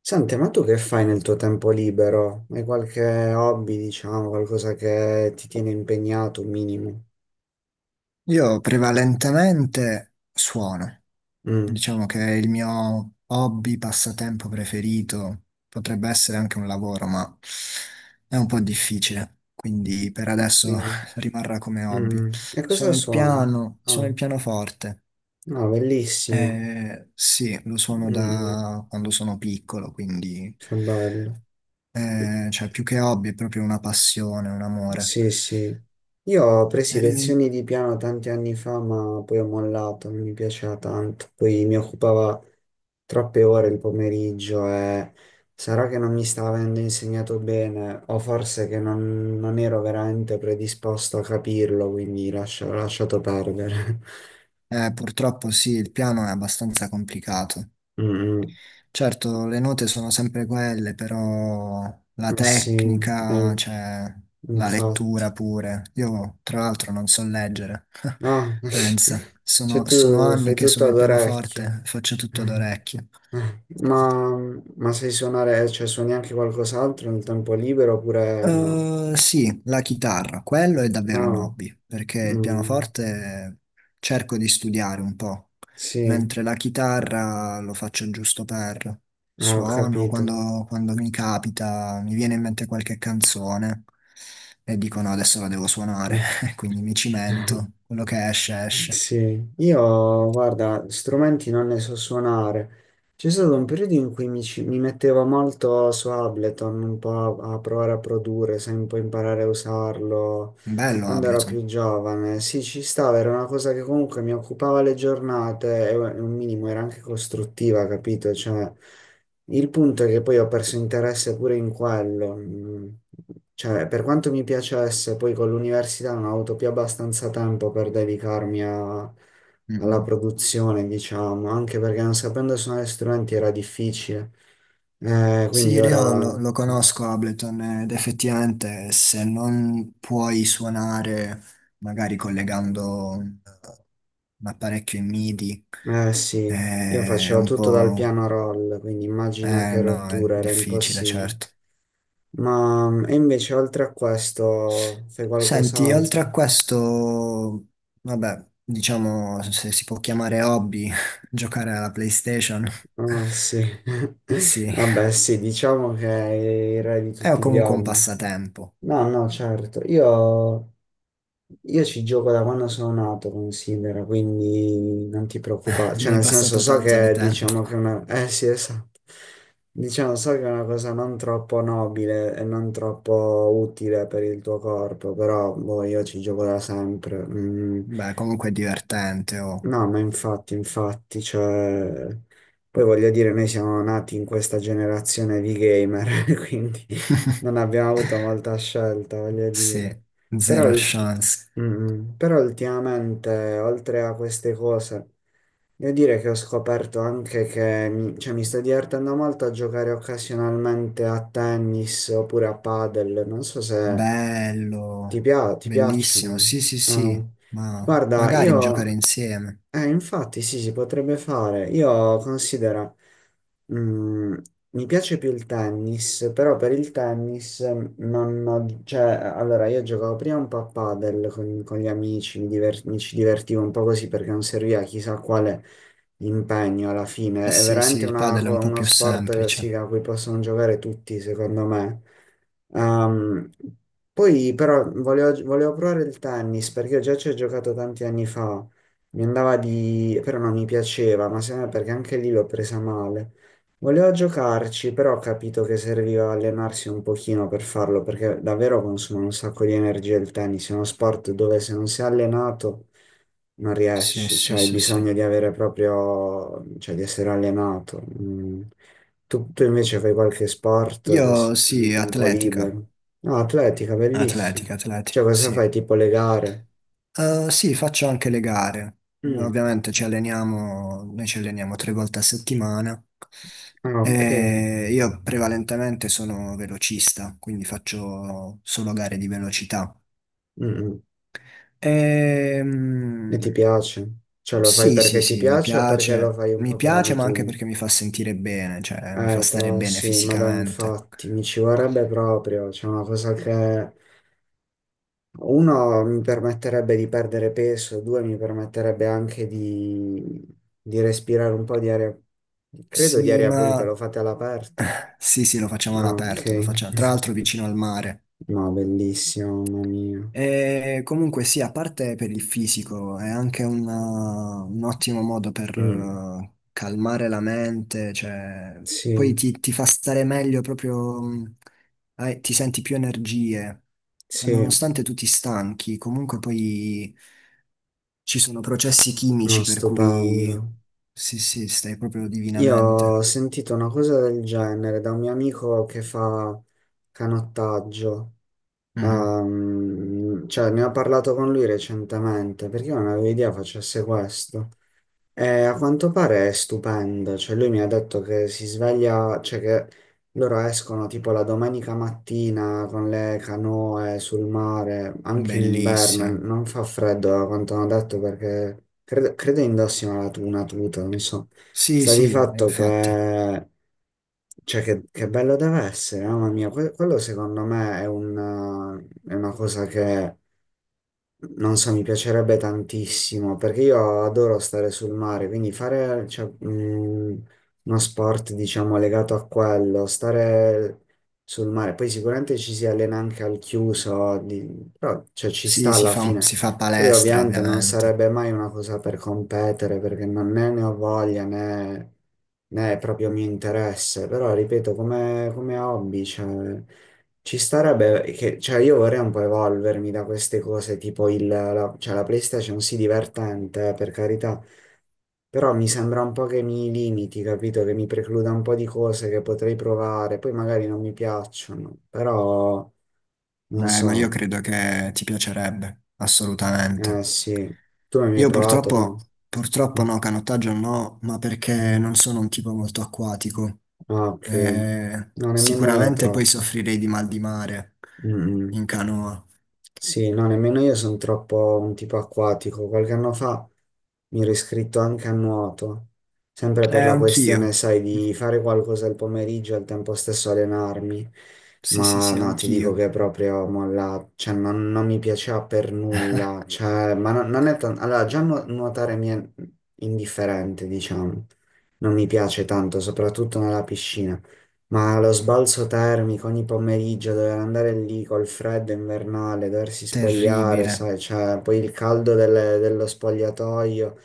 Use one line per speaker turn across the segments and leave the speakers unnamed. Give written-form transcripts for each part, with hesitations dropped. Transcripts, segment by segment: Senti, ma tu che fai nel tuo tempo libero? Hai qualche hobby, diciamo, qualcosa che ti tiene impegnato, un minimo?
Io prevalentemente suono,
Mm,
diciamo che il mio hobby, passatempo preferito, potrebbe essere anche un lavoro, ma è un po' difficile, quindi per
sì.
adesso rimarrà come hobby.
Mm. E cosa
Suono il
suoni?
piano, suono
Ah,
il pianoforte,
no, bellissimo.
sì, lo suono
Mm, mm,
da quando sono piccolo, quindi
che bello.
cioè più che hobby è proprio una passione, un amore.
Sì, sì. Io ho preso
Eh,
lezioni di piano tanti anni fa, ma poi ho mollato, non mi piaceva tanto. Poi mi occupava troppe ore il pomeriggio e sarà che non mi stava avendo insegnato bene, o forse che non ero veramente predisposto a capirlo, quindi ho lasciato perdere.
eh, purtroppo sì, il piano è abbastanza complicato.
Mm,
Certo, le note sono sempre quelle, però la
mm. Eh sì,
tecnica,
eh,
cioè la
infatti.
lettura pure. Io, tra l'altro, non so leggere.
Ah,
Pensa,
cioè
sono
tu
anni
fai
che
tutto
sono
ad
il
orecchio.
pianoforte, faccio tutto
Eh,
d'orecchio.
Ma, ma sai suonare, cioè suoni anche qualcos'altro nel tempo libero oppure no?
Sì, la chitarra, quello è davvero un
Ah,
hobby, perché il
mm,
pianoforte cerco di studiare un po',
sì,
mentre la chitarra lo faccio giusto per
ah, ho
suono,
capito.
quando mi capita, mi viene in mente qualche canzone e dico no, adesso la devo suonare, quindi mi cimento, quello che esce
Mm.
esce.
Sì, io guarda, strumenti non ne so suonare. C'è stato un periodo in cui mi mettevo molto su Ableton, un po' a provare a produrre, sai, un po' imparare a usarlo.
Bello
Quando ero più
Ableton.
giovane, sì, ci stava, era una cosa che comunque mi occupava le giornate e un minimo era anche costruttiva, capito? Cioè, il punto è che poi ho perso interesse pure in quello. Mm. Cioè, per quanto mi piacesse, poi con l'università non ho avuto più abbastanza tempo per
Mm,
alla
mm.
produzione, diciamo, anche perché non sapendo suonare strumenti era difficile.
Sì,
Quindi
io
ora...
lo
Mm.
conosco Ableton ed effettivamente se non puoi suonare magari collegando un apparecchio in MIDI
Eh sì, io
è
facevo
un
tutto dal
po'.
piano roll, quindi immagina
Eh
che
no, è
rottura, era
difficile,
impossibile.
certo.
Ma mm, e invece oltre a questo fai
Senti, oltre a
qualcos'altro?
questo, vabbè, diciamo se si può chiamare hobby, giocare alla PlayStation,
Oh sì,
sì,
vabbè sì, diciamo che è il re di
è
tutti gli
comunque un
hobby.
passatempo,
No, no, certo, io. Io ci gioco da quando sono nato, considera, quindi non ti preoccupare.
ne
Cioè,
hai
nel senso,
passato
so
tanto di
che
tempo.
diciamo che è una... Eh sì, esatto. Diciamo, so che è una cosa non troppo nobile e non troppo utile per il tuo corpo, però boh, io ci gioco da sempre. Mm.
Beh, comunque è divertente, oh.
No, ma infatti, infatti, cioè, poi voglio dire, noi siamo nati in questa generazione di gamer, quindi non abbiamo avuto molta scelta, voglio
Sì,
dire. Però,
zero chance.
mm, però ultimamente, oltre a queste cose, devo dire che ho scoperto anche che, mi sto divertendo molto a giocare occasionalmente a tennis oppure a padel, non so se
Bello,
ti
bellissimo.
piacciono.
Sì, sì,
Eh.
sì, ma
Guarda,
magari giocare
io...
insieme.
Infatti sì, si potrebbe fare. Io considero... Mm, mi piace più il tennis, però per il tennis non ho, cioè, allora io giocavo prima un po' a padel con gli amici, mi, mi ci divertivo un po' così perché non serviva chissà quale impegno alla
Eh
fine. È
sì, sì,
veramente
il padel è un po'
uno
più
sport sì,
semplice.
a cui possono giocare tutti, secondo me. Ehm, poi però volevo provare il tennis perché io già ci ho giocato tanti anni fa. Mi andava di... però non mi piaceva, ma secondo me perché anche lì l'ho presa male. Volevo giocarci, però ho capito che serviva allenarsi un pochino per farlo, perché davvero consuma un sacco di energia il tennis, è uno sport dove se non sei allenato non
Sì,
riesci,
sì,
cioè hai
sì, sì.
bisogno di avere proprio, cioè di essere allenato. Mm. Tu invece fai qualche sport
Io
così nel
sì,
tempo
atletica.
libero. No, atletica, bellissimo.
Atletica,
Cioè
atletica,
cosa
sì.
fai? Tipo le gare?
Sì, faccio anche le gare.
Mm.
Ovviamente ci alleniamo, noi ci alleniamo tre volte a settimana.
Ah, ok.
E io prevalentemente sono velocista, quindi faccio solo gare di velocità.
Mm, mm. E
Ehm,
ti piace? Cioè lo fai
sì, sì,
perché ti
sì, mi
piace o perché lo
piace.
fai un
Mi
po' per
piace, ma anche
abitudine?
perché mi fa sentire bene, cioè mi fa stare
Tra
bene
sì, ma dai,
fisicamente.
infatti, mi ci vorrebbe proprio, c'è una cosa che uno mi permetterebbe di perdere peso, due mi permetterebbe anche di respirare un po' di aria, credo di
Sì,
aria pulita,
ma
lo fate all'aperto.
sì, sì, lo facciamo
Ah, ok.
all'aperto, lo facciamo tra l'altro vicino al mare.
No, bellissimo, mamma mia.
E comunque sì, a parte per il fisico, è anche un ottimo modo per
Mm,
calmare la mente, cioè, poi
sì,
ti fa stare meglio proprio, ti senti più energie. Ma
sì,
nonostante tu ti stanchi, comunque poi ci sono processi
no,
chimici per cui
stupendo.
sì, sì, stai proprio
Io
divinamente.
ho sentito una cosa del genere da un mio amico che fa canottaggio.
Mhm.
Cioè, ne ho parlato con lui recentemente perché io non avevo idea facesse questo. A quanto pare è stupenda, cioè lui mi ha detto che si sveglia, cioè che loro escono tipo la domenica mattina con le canoe sul mare, anche in inverno,
Bellissimo.
non fa freddo a quanto hanno detto perché credo indossino una tuta, non so.
Sì,
Sta di
sì,
fatto
infatti.
che, che bello deve essere, mamma mia. Quello secondo me è una cosa non so, mi piacerebbe tantissimo perché io adoro stare sul mare, quindi fare, cioè, uno sport, diciamo, legato a quello, stare sul mare. Poi sicuramente ci si allena anche al chiuso, però, cioè, ci
Sì,
sta
si
alla
fa,
fine.
si fa
Poi
palestra,
ovviamente non
ovviamente.
sarebbe mai una cosa per competere perché non né ne ho voglia né, né è proprio mio interesse, però ripeto, come hobby, cioè. Ci starebbe, che, cioè io vorrei un po' evolvermi da queste cose, tipo cioè la PlayStation sì divertente, per carità, però mi sembra un po' che mi limiti, capito? Che mi precluda un po' di cose che potrei provare, poi magari non mi piacciono, però non
Ma io
so,
credo che ti piacerebbe,
eh
assolutamente.
sì, tu mi hai
Io
provato?
purtroppo,
Cam?
purtroppo
Mm,
no, canottaggio no, ma perché non
mhm.
sono un tipo molto acquatico.
Ah, ok, no, nemmeno io
Sicuramente poi
troppo.
soffrirei di mal di mare
Mm, mm.
in canoa.
Sì, no, nemmeno io sono troppo un tipo acquatico. Qualche anno fa mi ero iscritto anche a nuoto, sempre per la
Anch'io.
questione, sai, di fare qualcosa al pomeriggio e al tempo stesso allenarmi.
Sì, sì,
Ma
sì,
no, ti dico
anch'io.
che è proprio molla, cioè non mi piaceva per nulla. Cioè, ma non è tanto. Allora, già nuotare mi è indifferente, diciamo. Non mi piace tanto, soprattutto nella piscina. Ma lo sbalzo termico ogni pomeriggio, dover andare lì col freddo invernale, doversi spogliare,
Terribile,
sai, cioè, poi il caldo dello spogliatoio,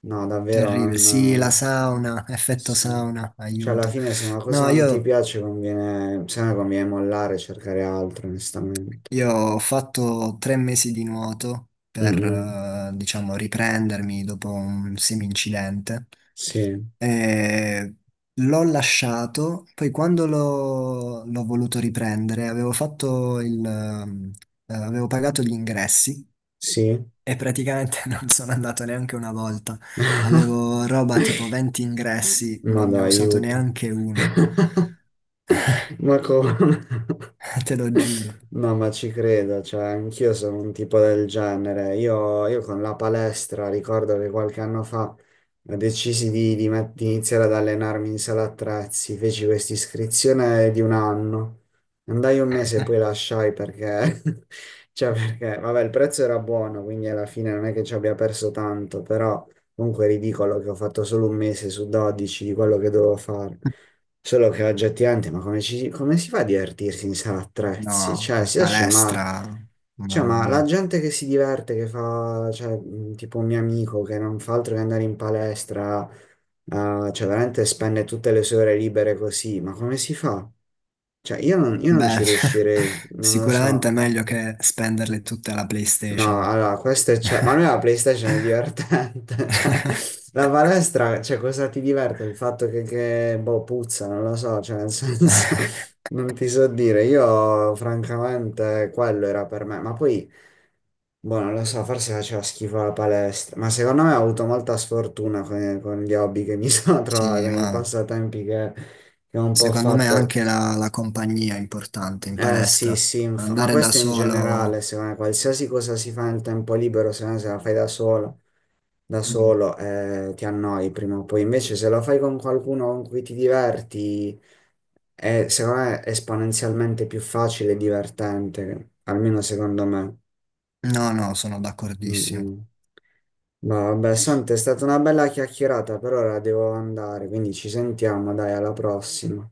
no, davvero
terribile. Sì, la
non...
sauna, effetto
Sì.
sauna,
Cioè, alla
aiuto.
fine se una cosa
No,
non ti
io
piace, conviene, se no conviene mollare e cercare altro, onestamente.
Io ho fatto tre mesi di nuoto per,
Mm,
diciamo, riprendermi dopo un semi-incidente
sì,
e l'ho lasciato, poi quando l'ho voluto riprendere avevo pagato gli ingressi
sì,
e praticamente non sono andato neanche una volta. Avevo roba tipo 20 ingressi,
ma
non ne
dai,
ho usato
aiuto.
neanche uno,
Ma come?
te lo giuro.
No, ma ci credo, cioè anch'io sono un tipo del genere. Io con la palestra ricordo che qualche anno fa decisi di iniziare ad allenarmi in sala attrezzi, feci questa iscrizione di un anno. Andai un mese e poi lasciai perché, cioè perché, vabbè, il prezzo era buono, quindi alla fine non è che ci abbia perso tanto, però comunque è ridicolo che ho fatto solo un mese su 12 di quello che dovevo fare. Solo che oggi è tirante, ma come, come si fa a divertirsi in sala attrezzi?
No,
Cioè, si esce, ma,
palestra,
cioè,
mamma
ma la
mia.
gente che si diverte, che fa, cioè, tipo un mio amico che non fa altro che andare in palestra, cioè, veramente spende tutte le sue ore libere così, ma come si fa? Cioè, io non ci
Beh,
riuscirei, non lo
sicuramente è
so.
meglio che spenderle tutte alla
No,
PlayStation.
allora, questo è... Cioè, ma noi la PlayStation è divertente, cioè, la palestra, cioè, cosa ti diverte? Il fatto boh, puzza, non lo so, cioè, nel senso, non ti so dire, io, francamente, quello era per me, ma poi, boh, non lo so, forse faceva schifo la palestra, ma secondo me ho avuto molta sfortuna con gli hobby che mi sono trovato,
Sì,
con i
ma
passatempi che ho un po'
secondo me
fatto,
anche la compagnia è importante in
eh sì,
palestra.
sì, ma
Andare da
questo in generale,
solo.
secondo me, qualsiasi cosa si fa nel tempo libero, se no se la fai da
Mm.
solo ti annoi prima o poi. Invece se lo fai con qualcuno con cui ti diverti, è, secondo me, esponenzialmente più facile e divertente, almeno secondo me.
No, no, sono
Mm,
d'accordissimo.
mm. Ma vabbè, Sante, è stata una bella chiacchierata, per ora devo andare, quindi ci sentiamo, dai, alla prossima.